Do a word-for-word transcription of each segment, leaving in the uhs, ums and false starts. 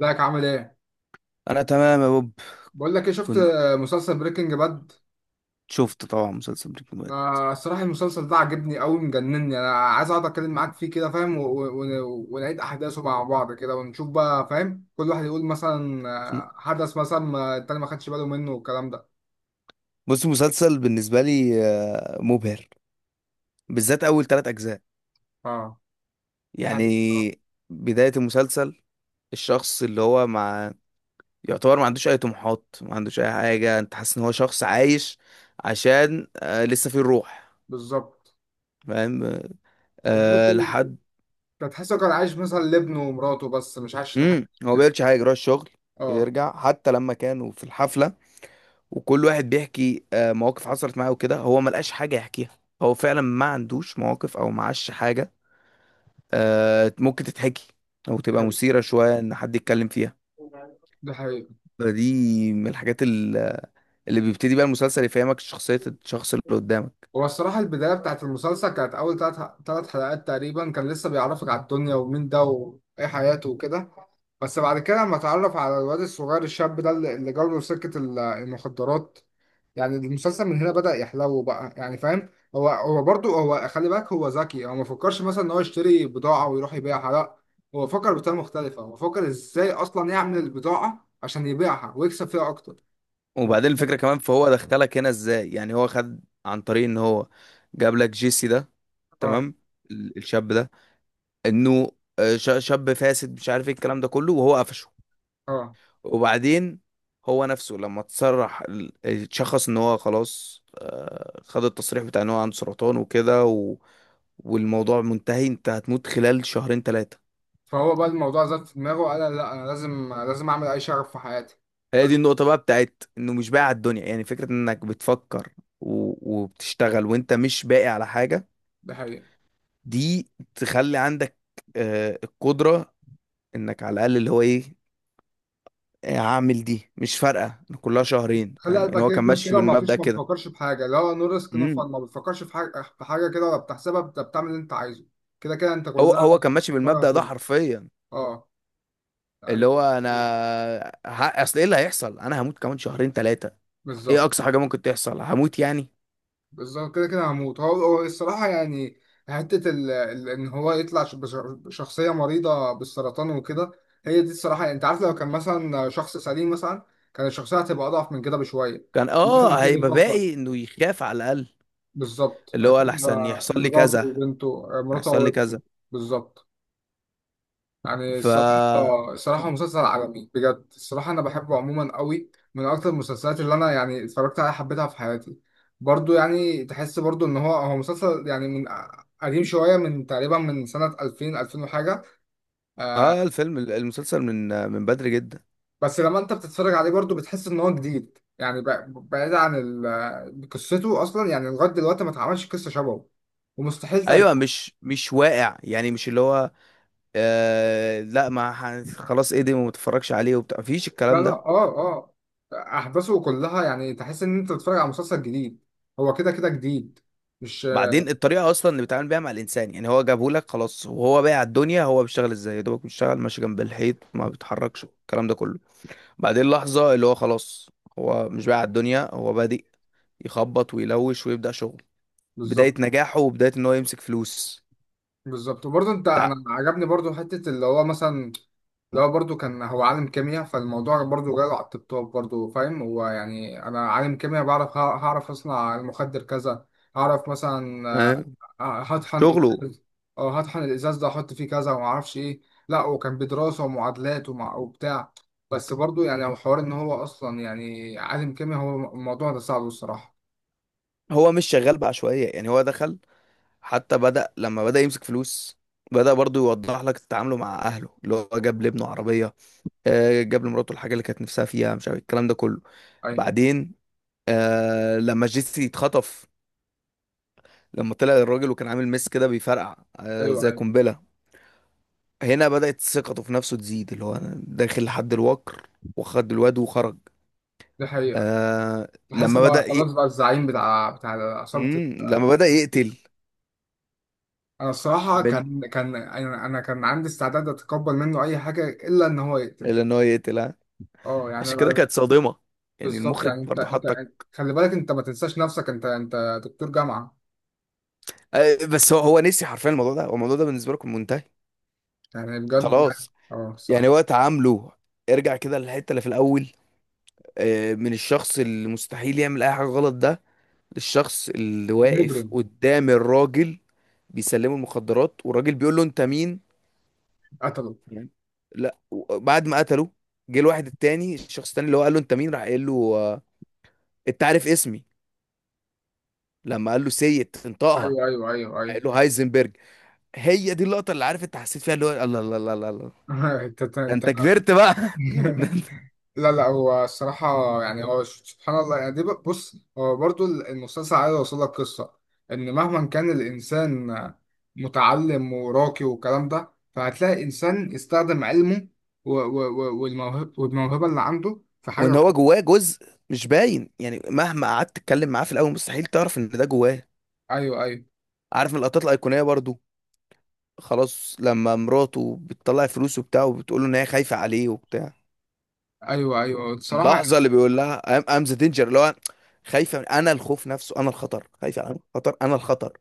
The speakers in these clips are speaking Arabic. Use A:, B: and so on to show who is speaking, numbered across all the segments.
A: ازيك عامل ايه؟
B: انا تمام يا بوب.
A: بقول لك ايه، شفت
B: كنت
A: مسلسل بريكنج باد؟
B: شفت طبعا مسلسل بريكنج باد.
A: آه، الصراحة المسلسل ده عجبني قوي، مجنني. انا عايز اقعد اتكلم معاك فيه كده، فاهم؟ و- و- و- ونعيد احداثه مع بعض كده ونشوف بقى، فاهم؟ كل واحد يقول مثلا آه، حدث مثلا ما التاني ما خدش باله منه والكلام ده.
B: بص، مسلسل بالنسبه لي آه، مبهر، بالذات اول ثلاث اجزاء.
A: اه، دي حاجة الصراحة.
B: يعني بدايه المسلسل، الشخص اللي هو مع يعتبر ما عندوش اي طموحات، ما عندوش اي حاجه. انت حاسس ان هو شخص عايش عشان آه لسه فيه الروح،
A: بالظبط،
B: فاهم؟ آه
A: وبرضه
B: لحد
A: كان تحسه كان عايش مثلا لابنه ومراته، بس مش عايش لحاجة
B: امم هو
A: تانية.
B: بيعملش حاجه، يروح الشغل
A: اه،
B: ويرجع. حتى لما كانوا في الحفله وكل واحد بيحكي آه، مواقف حصلت معاه وكده، هو ما لقاش حاجة يحكيها. هو فعلا ما عندوش مواقف او معاش حاجة آه، ممكن تتحكي او
A: دي
B: تبقى
A: حقيقة.
B: مثيرة شوية ان حد يتكلم فيها.
A: ده حقيقي.
B: فدي من الحاجات ال- اللي بيبتدي بقى المسلسل يفهمك شخصية الشخص اللي قدامك.
A: هو الصراحة البداية بتاعت المسلسل كانت أول تلات تلات حلقات تقريبا، كان لسه بيعرفك على الدنيا ومين ده وإيه حياته وكده. بس بعد كده لما اتعرف على الواد الصغير الشاب ده اللي اللي جاله سكة ال- المخدرات. يعني المسلسل من هنا بدأ يحلو بقى، يعني فاهم؟ هو هو برضه هو، خلي بالك، هو ذكي. هو ما فكرش مثلا إن هو يشتري بضاعة ويروح يبيعها، لأ. هو فكر بطريقة مختلفة، هو فكر إزاي أصلا يعمل البضاعة عشان يبيعها ويكسب فيها أكتر.
B: وبعدين الفكرة كمان، فهو دخلك هنا ازاي؟ يعني هو خد عن طريق ان هو جاب لك جيسي ده،
A: آه
B: تمام، ال- الشاب ده، انه آه، ش- شاب فاسد مش عارف ايه الكلام ده كله، وهو قفشه.
A: آه.
B: وبعدين هو نفسه لما تصرح ال- اتشخص ان هو خلاص، آه، خد التصريح بتاع ان هو عنده سرطان وكده و... والموضوع منتهي، انت هتموت خلال شهرين ثلاثة.
A: فهو بقى الموضوع زاد في دماغه وقال لا، انا لازم لازم اعمل اي شغف في حياتي.
B: هي دي
A: لازم.
B: النقطة بقى بتاعت انه مش باقي على الدنيا. يعني فكرة انك بتفكر و... وبتشتغل وانت مش باقي على حاجة،
A: ده حقيقي.
B: دي تخلي عندك آه، القدرة انك على الاقل اللي هو ايه، آه، هعمل دي مش فارقة، كلها شهرين،
A: خلي
B: فاهم؟ يعني
A: قلبك
B: هو كان
A: يجمد
B: ماشي
A: كده وما
B: بالمبدأ
A: فيش، ما
B: كده.
A: بتفكرش في حاجه، اللي هو نو ريسك نو
B: مم.
A: فان. ما بتفكرش في حاجه في حاجه كده، ولا بتحسبها، بت- بتعمل اللي انت عايزه. كده كده انت
B: هو
A: كلها
B: هو كان ماشي
A: هتبقى.
B: بالمبدأ ده حرفيا،
A: اه يعني،
B: اللي هو انا ه... اصل ايه اللي هيحصل؟ انا هموت كمان شهرين ثلاثه، ايه
A: بالظبط.
B: اقصى حاجه ممكن تحصل؟ هموت يعني.
A: بالظبط كده كده هموت. هو هو الصراحة يعني، حتة ال... ال... إن هو يطلع ش- بش- بشخصية مريضة بالسرطان وكده. هي دي الصراحة، يعني أنت عارف، لو كان مثلا شخص سليم مثلا كان الشخصية هتبقى أضعف من كده بشوية.
B: كان
A: مثلا
B: اه
A: كده
B: هيبقى
A: بيفكر.
B: باقي انه يخاف على الاقل،
A: بالظبط،
B: اللي هو لحسن
A: هتبقى
B: يحصل لي
A: مراته
B: كذا،
A: وبنته، مراته
B: يحصل
A: أو
B: لي
A: ابنه.
B: كذا.
A: بالظبط. يعني
B: ف
A: الصراحة، الصراحة مسلسل عالمي بجد. الصراحة أنا بحبه عموما قوي، من أكتر المسلسلات اللي أنا يعني اتفرجت عليها حبيتها في حياتي. برضو يعني تحس برضو إن هو هو مسلسل يعني من قديم شوية، من تقريبا من سنة ألفين ألفين وحاجة.
B: اه الفيلم المسلسل من من بدري جدا.
A: بس لما أنت بتتفرج عليه برضو بتحس إن هو جديد، يعني ب- بعيد عن ال- قصته أصلا، يعني لغاية دلوقتي ما اتعملش قصة شبهه، ومستحيل
B: ايوه،
A: تقدم.
B: مش مش واقع يعني، مش اللي هو. آه لا، ما ح- خلاص، ايه ده ما متفرجش عليه وبتاع، مفيش
A: لا
B: الكلام
A: لا،
B: ده.
A: آه آه، أحداثه كلها يعني تحس إن أنت بتتفرج على مسلسل جديد. هو كده كده جديد، مش...
B: بعدين الطريقه اصلا اللي بيتعامل بيها مع الانسان، يعني هو جابه لك خلاص وهو بايع الدنيا، هو بيشتغل ازاي؟ يا دوبك بيشتغل، ماشي جنب الحيط، ما بيتحركش الكلام ده كله. بعدين لحظه اللي هو خلاص، هو مش بايع الدنيا، هو بادئ يخبط ويلوش ويبدا شغل، بدايه
A: بالظبط
B: نجاحه وبدايه ان هو يمسك فلوس.
A: بالظبط. وبرضه انت، انا
B: بتاع
A: عجبني برضه حته اللي هو مثلا، اللي هو برضه كان هو عالم كيمياء. فالموضوع برضه جاله على التوب، برضه فاهم. هو يعني انا عالم كيمياء، بعرف، ه- هعرف اصنع المخدر كذا. هعرف مثلا
B: آه،
A: آه، آه، هطحن
B: شغله.
A: إزاز- او هطحن الازاز ده، احط فيه كذا، وما اعرفش ايه. لا، وكان بدراسه ومعادلات ومع وبتاع. بس برضه يعني، هو حوار ان هو اصلا يعني عالم كيمياء، هو الموضوع ده صعب الصراحه.
B: هو مش شغال بعشوائيه يعني، هو دخل. حتى بدا لما بدا يمسك فلوس، بدا برضو يوضح لك تعامله مع اهله، اللي هو جاب لابنه عربيه، آه، جاب لمراته الحاجه اللي كانت نفسها فيها، مش عارف الكلام ده كله.
A: ايوه
B: بعدين آه لما جيسي اتخطف، لما طلع الراجل وكان عامل ميس كده بيفرقع آه
A: ايوه
B: زي
A: ايوه،
B: قنبله، هنا بدات ثقته في نفسه تزيد، اللي هو أنا داخل لحد الوكر وخد الواد وخرج.
A: دي حقيقه.
B: آه لما
A: حاسب على
B: بدا
A: خلاص
B: ي...
A: بقى، الزعيم بتاع بتاع عصابة ال-
B: مم، لما بدا يقتل.
A: أنا الصراحة
B: بال...
A: كان كان أنا أنا كان عندي استعداد أتقبل منه أي حاجة إلا إن هو يقتل.
B: اللي ان هو يقتل، ها!
A: أه يعني
B: عشان كده
A: أنا-
B: كانت صادمه، يعني
A: بالظبط.
B: المخرج
A: يعني أنت
B: برضه
A: أنت
B: حطك.
A: خلي بالك أنت ما تنساش نفسك، أنت أنت دكتور جامعة.
B: آه بس هو هو نسي حرفيا الموضوع ده، هو الموضوع ده بالنسبه لكم منتهي
A: يعني بجد، يعني
B: خلاص.
A: أه
B: يعني
A: الصراحة.
B: وقت عامله، ارجع كده للحته اللي في الاول، آه، من الشخص اللي مستحيل يعمل اي حاجه غلط ده، للشخص اللي واقف
A: مجرم.
B: قدام الراجل بيسلمه المخدرات والراجل بيقول له انت مين.
A: قتله.
B: تمام. لا، و- بعد ما قتله، جه الواحد التاني، الشخص التاني اللي هو قال له انت مين، راح قال له آه، انت عارف اسمي. لما قال له سيد، انطقها،
A: أيوه أيوه أيوه
B: راح قال
A: أيوه.
B: له هايزنبرج. هي دي اللقطه اللي عارف انت حسيت فيها، اللي هو الله الله الله الله الله.
A: أنت
B: ده
A: أنت
B: انت كبرت بقى! ده
A: أنت- لا لا، هو الصراحة يعني، هو سبحان الله. يعني دي، ب- بص، هو برضو المسلسل عايز يوصل لك قصة إن مهما كان الإنسان متعلم وراقي والكلام ده، فهتلاقي إنسان يستخدم علمه و- و- و- والموهب- والموهبة اللي عنده في
B: وان
A: حاجة
B: هو
A: كويسة.
B: جواه جزء مش باين، يعني مهما قعدت تتكلم معاه في الاول مستحيل تعرف ان ده جواه.
A: أيوه أيوه
B: عارف من اللقطات الايقونيه برضو، خلاص لما مراته بتطلع فلوس وبتاع وبتقول له ان هي خايفه عليه وبتاع،
A: أيوه أيوه الصراحة.
B: اللحظه اللي بيقول لها ام ذا دينجر، اللي هو خايفه من انا الخوف نفسه، انا الخطر، خايفه، انا الخطر، انا الخطر.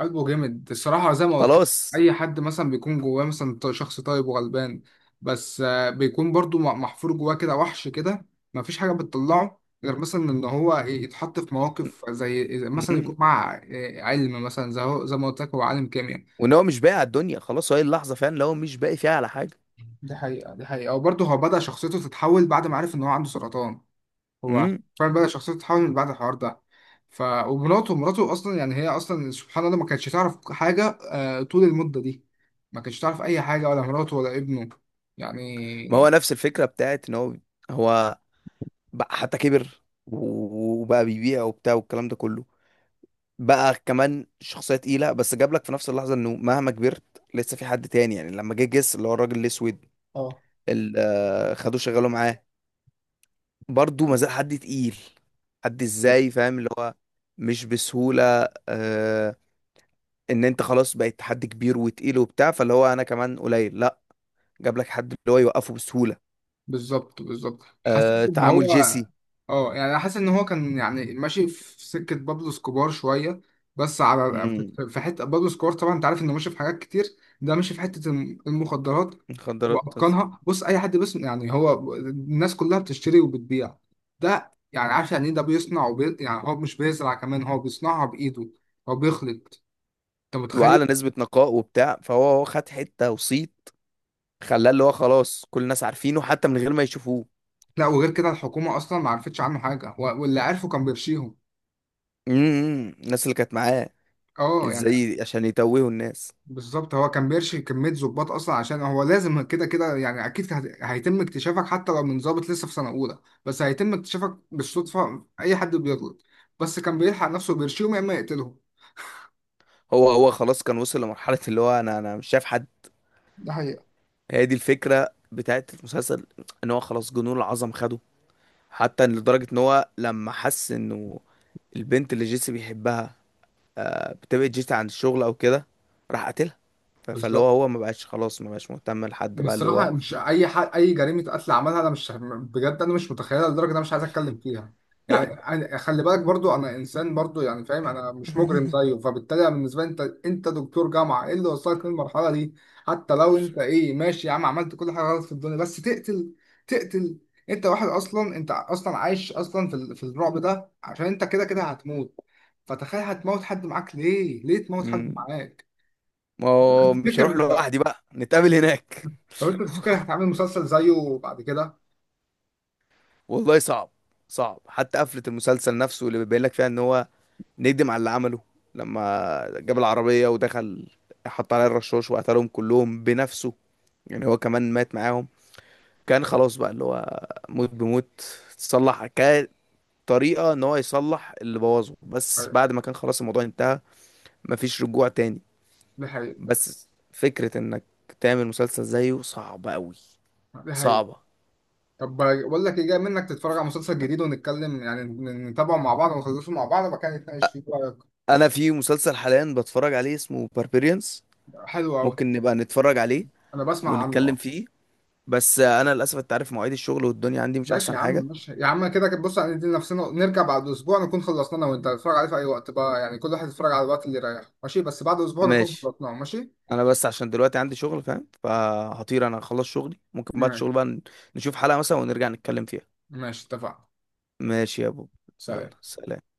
A: قلبه جامد الصراحة زي ما قلت لك.
B: خلاص.
A: أي حد مثلا بيكون جواه مثلا ط- شخص طيب وغلبان، بس آه، بيكون برضو مح- محفور جواه كده وحش كده. مفيش حاجة بتطلعه غير مثلا إن هو يتحط في مواقف، زي زي مثلا
B: م-م.
A: يكون مع آه، علم مثلا، زي هو زي ما قلت لك هو عالم كيمياء.
B: وان هو مش باقي على الدنيا خلاص، هي اللحظه فعلا اللي هو مش باقي فيها على حاجه.
A: دي حقيقة دي حقيقة. وبرضه هو بدأ شخصيته تتحول بعد ما عرف إن هو عنده سرطان. هو
B: امم
A: فعلا بدأ شخصيته تتحول من بعد الحوار ده. ف ومراته، مراته اصلا يعني هي اصلا سبحان الله ما كانتش تعرف حاجه، آه، طول المده دي ما كانتش تعرف اي حاجه، ولا مراته ولا ابنه
B: ما هو
A: يعني.
B: نفس الفكره بتاعت ان هو، هو بقى حتى كبر و- وبقى بيبيع وبتاع والكلام ده كله، بقى كمان شخصية تقيلة، بس جاب لك في نفس اللحظة انه مهما كبرت لسه في حد تاني. يعني لما جه جس اللي هو الراجل الاسود
A: اه،
B: اللي آه، خدوه شغله معاه، برضه ما زال حد تقيل، حد ازاي فاهم، اللي هو مش بسهولة. آه ان انت خلاص بقيت حد كبير وتقيل وبتاع، فاللي هو انا كمان قليل لا، جاب لك حد اللي هو يوقفه بسهولة.
A: بالظبط بالظبط.
B: آه
A: حسيت ان
B: تعامل
A: هو،
B: جيسي.
A: اه يعني انا حاسس ان هو كان يعني ماشي في سكه بابلو سكوبار شويه، بس على،
B: مم.
A: في حته بابلو سكوبار طبعا انت عارف انه ماشي في حاجات كتير، ده ماشي في حته الم- المخدرات
B: مخدرات أصلاً.
A: واتقانها. بص، اي حد بس يعني، هو الناس كلها بتشتري وبتبيع، ده يعني عارف يعني ايه؟ ده بيصنع وبي... يعني هو مش بيزرع كمان، هو بيصنعها بايده، هو بيخلط، انت
B: واعلى
A: متخيل.
B: نسبة نقاء وبتاع، فهو هو خد حتة وصيت خلاه اللي هو خلاص كل الناس عارفينه حتى من غير ما يشوفوه.
A: لا، وغير كده الحكومه اصلا ما عرفتش عنه حاجه، و- واللي عرفه كان بيرشيهم.
B: امم الناس اللي كانت معاه
A: اه يعني
B: ازاي عشان يتوهوا الناس؟
A: بالظبط. هو كان بيرشي كمية ظباط أصلا، عشان هو لازم كده كده، يعني أكيد هت- هيتم اكتشافك حتى لو من ظابط لسه في سنة أولى. بس هيتم اكتشافك بالصدفة، أي حد بيغلط. بس كان بيلحق نفسه بيرشيهم، يا إما يقتلهم.
B: هو هو خلاص كان وصل لمرحلة اللي هو انا انا مش شايف حد،
A: ده حقيقة.
B: هي دي الفكرة بتاعت المسلسل، ان هو خلاص جنون العظم خده. حتى إن لدرجة ان هو لما حس انه البنت اللي جيسي بيحبها آه، بتبعد جيسي عن الشغل او كده، راح قتلها. ف- فاللي هو
A: بالظبط.
B: هو ما بقاش خلاص، ما بقاش مهتم لحد
A: انا
B: بقى اللي هو.
A: الصراحه مش اي ح... اي جريمه قتل عملها، انا مش بجد انا مش متخيلها لدرجه انا مش عايز اتكلم فيها. يعني أنا... خلي بالك برضو، انا انسان برضو يعني، فاهم، انا مش مجرم زيه، فبالتالي أنا بالنسبه لي، انت انت دكتور جامعه، ايه اللي وصلك للمرحله دي؟ حتى لو انت ايه ماشي يا عم عملت كل حاجه غلط في الدنيا، بس تقتل؟ تقتل. انت واحد اصلا، انت اصلا عايش اصلا في ال... في الرعب ده عشان انت كده كده هتموت. فتخيل، هتموت حد معاك ليه؟ ليه تموت حد
B: مم،
A: معاك؟
B: ما هو مش
A: تفتكر،
B: هروح لوحدي بقى، نتقابل هناك.
A: طب انت تفتكر هتعمل مسلسل زيه بعد كده؟
B: والله صعب، صعب. حتى قفلة المسلسل نفسه اللي بيبين لك فيها ان هو نكدب على اللي عمله، لما جاب العربية ودخل حط عليها الرشاش وقتلهم كلهم بنفسه، يعني هو كمان مات معاهم. كان خلاص بقى اللي هو موت بموت، تصلح كطريقة ان هو يصلح اللي بوظه، بس بعد ما كان خلاص الموضوع انتهى، مفيش رجوع تاني.
A: دي حقيقة
B: بس فكرة انك تعمل مسلسل زيه صعبة قوي،
A: دي حقيقة.
B: صعبة.
A: طب بقول لك ايه، جاي منك تتفرج على مسلسل جديد ونتكلم، يعني ن- نتابعه مع بعض ونخلصه مع بعض وبعد كده نتناقش فيه، إيه رأيك؟
B: انا في مسلسل حاليا بتفرج عليه اسمه باربيريانز،
A: حلو قوي.
B: ممكن نبقى نتفرج عليه
A: انا بسمع عنه
B: ونتكلم
A: اه.
B: فيه. بس انا للاسف انت عارف مواعيد الشغل والدنيا عندي مش
A: ماشي
B: احسن
A: يا عم،
B: حاجه.
A: ماشي يا عم. كده كده بص، هندي نفسنا نرجع بعد اسبوع نكون خلصنا انا وانت، نتفرج عليه في اي وقت بقى، يعني كل واحد يتفرج على الوقت اللي يريحه، ماشي؟ بس بعد اسبوع نكون
B: ماشي.
A: خلصناه، ماشي؟
B: انا بس عشان دلوقتي عندي شغل، فاهم، فهطير انا اخلص شغلي، ممكن بعد
A: ماشي،
B: الشغل بقى نشوف حلقه مثلا ونرجع نتكلم فيها.
A: ماشي، اتفقنا.
B: ماشي يا ابو،
A: سلام.
B: يلا سلام.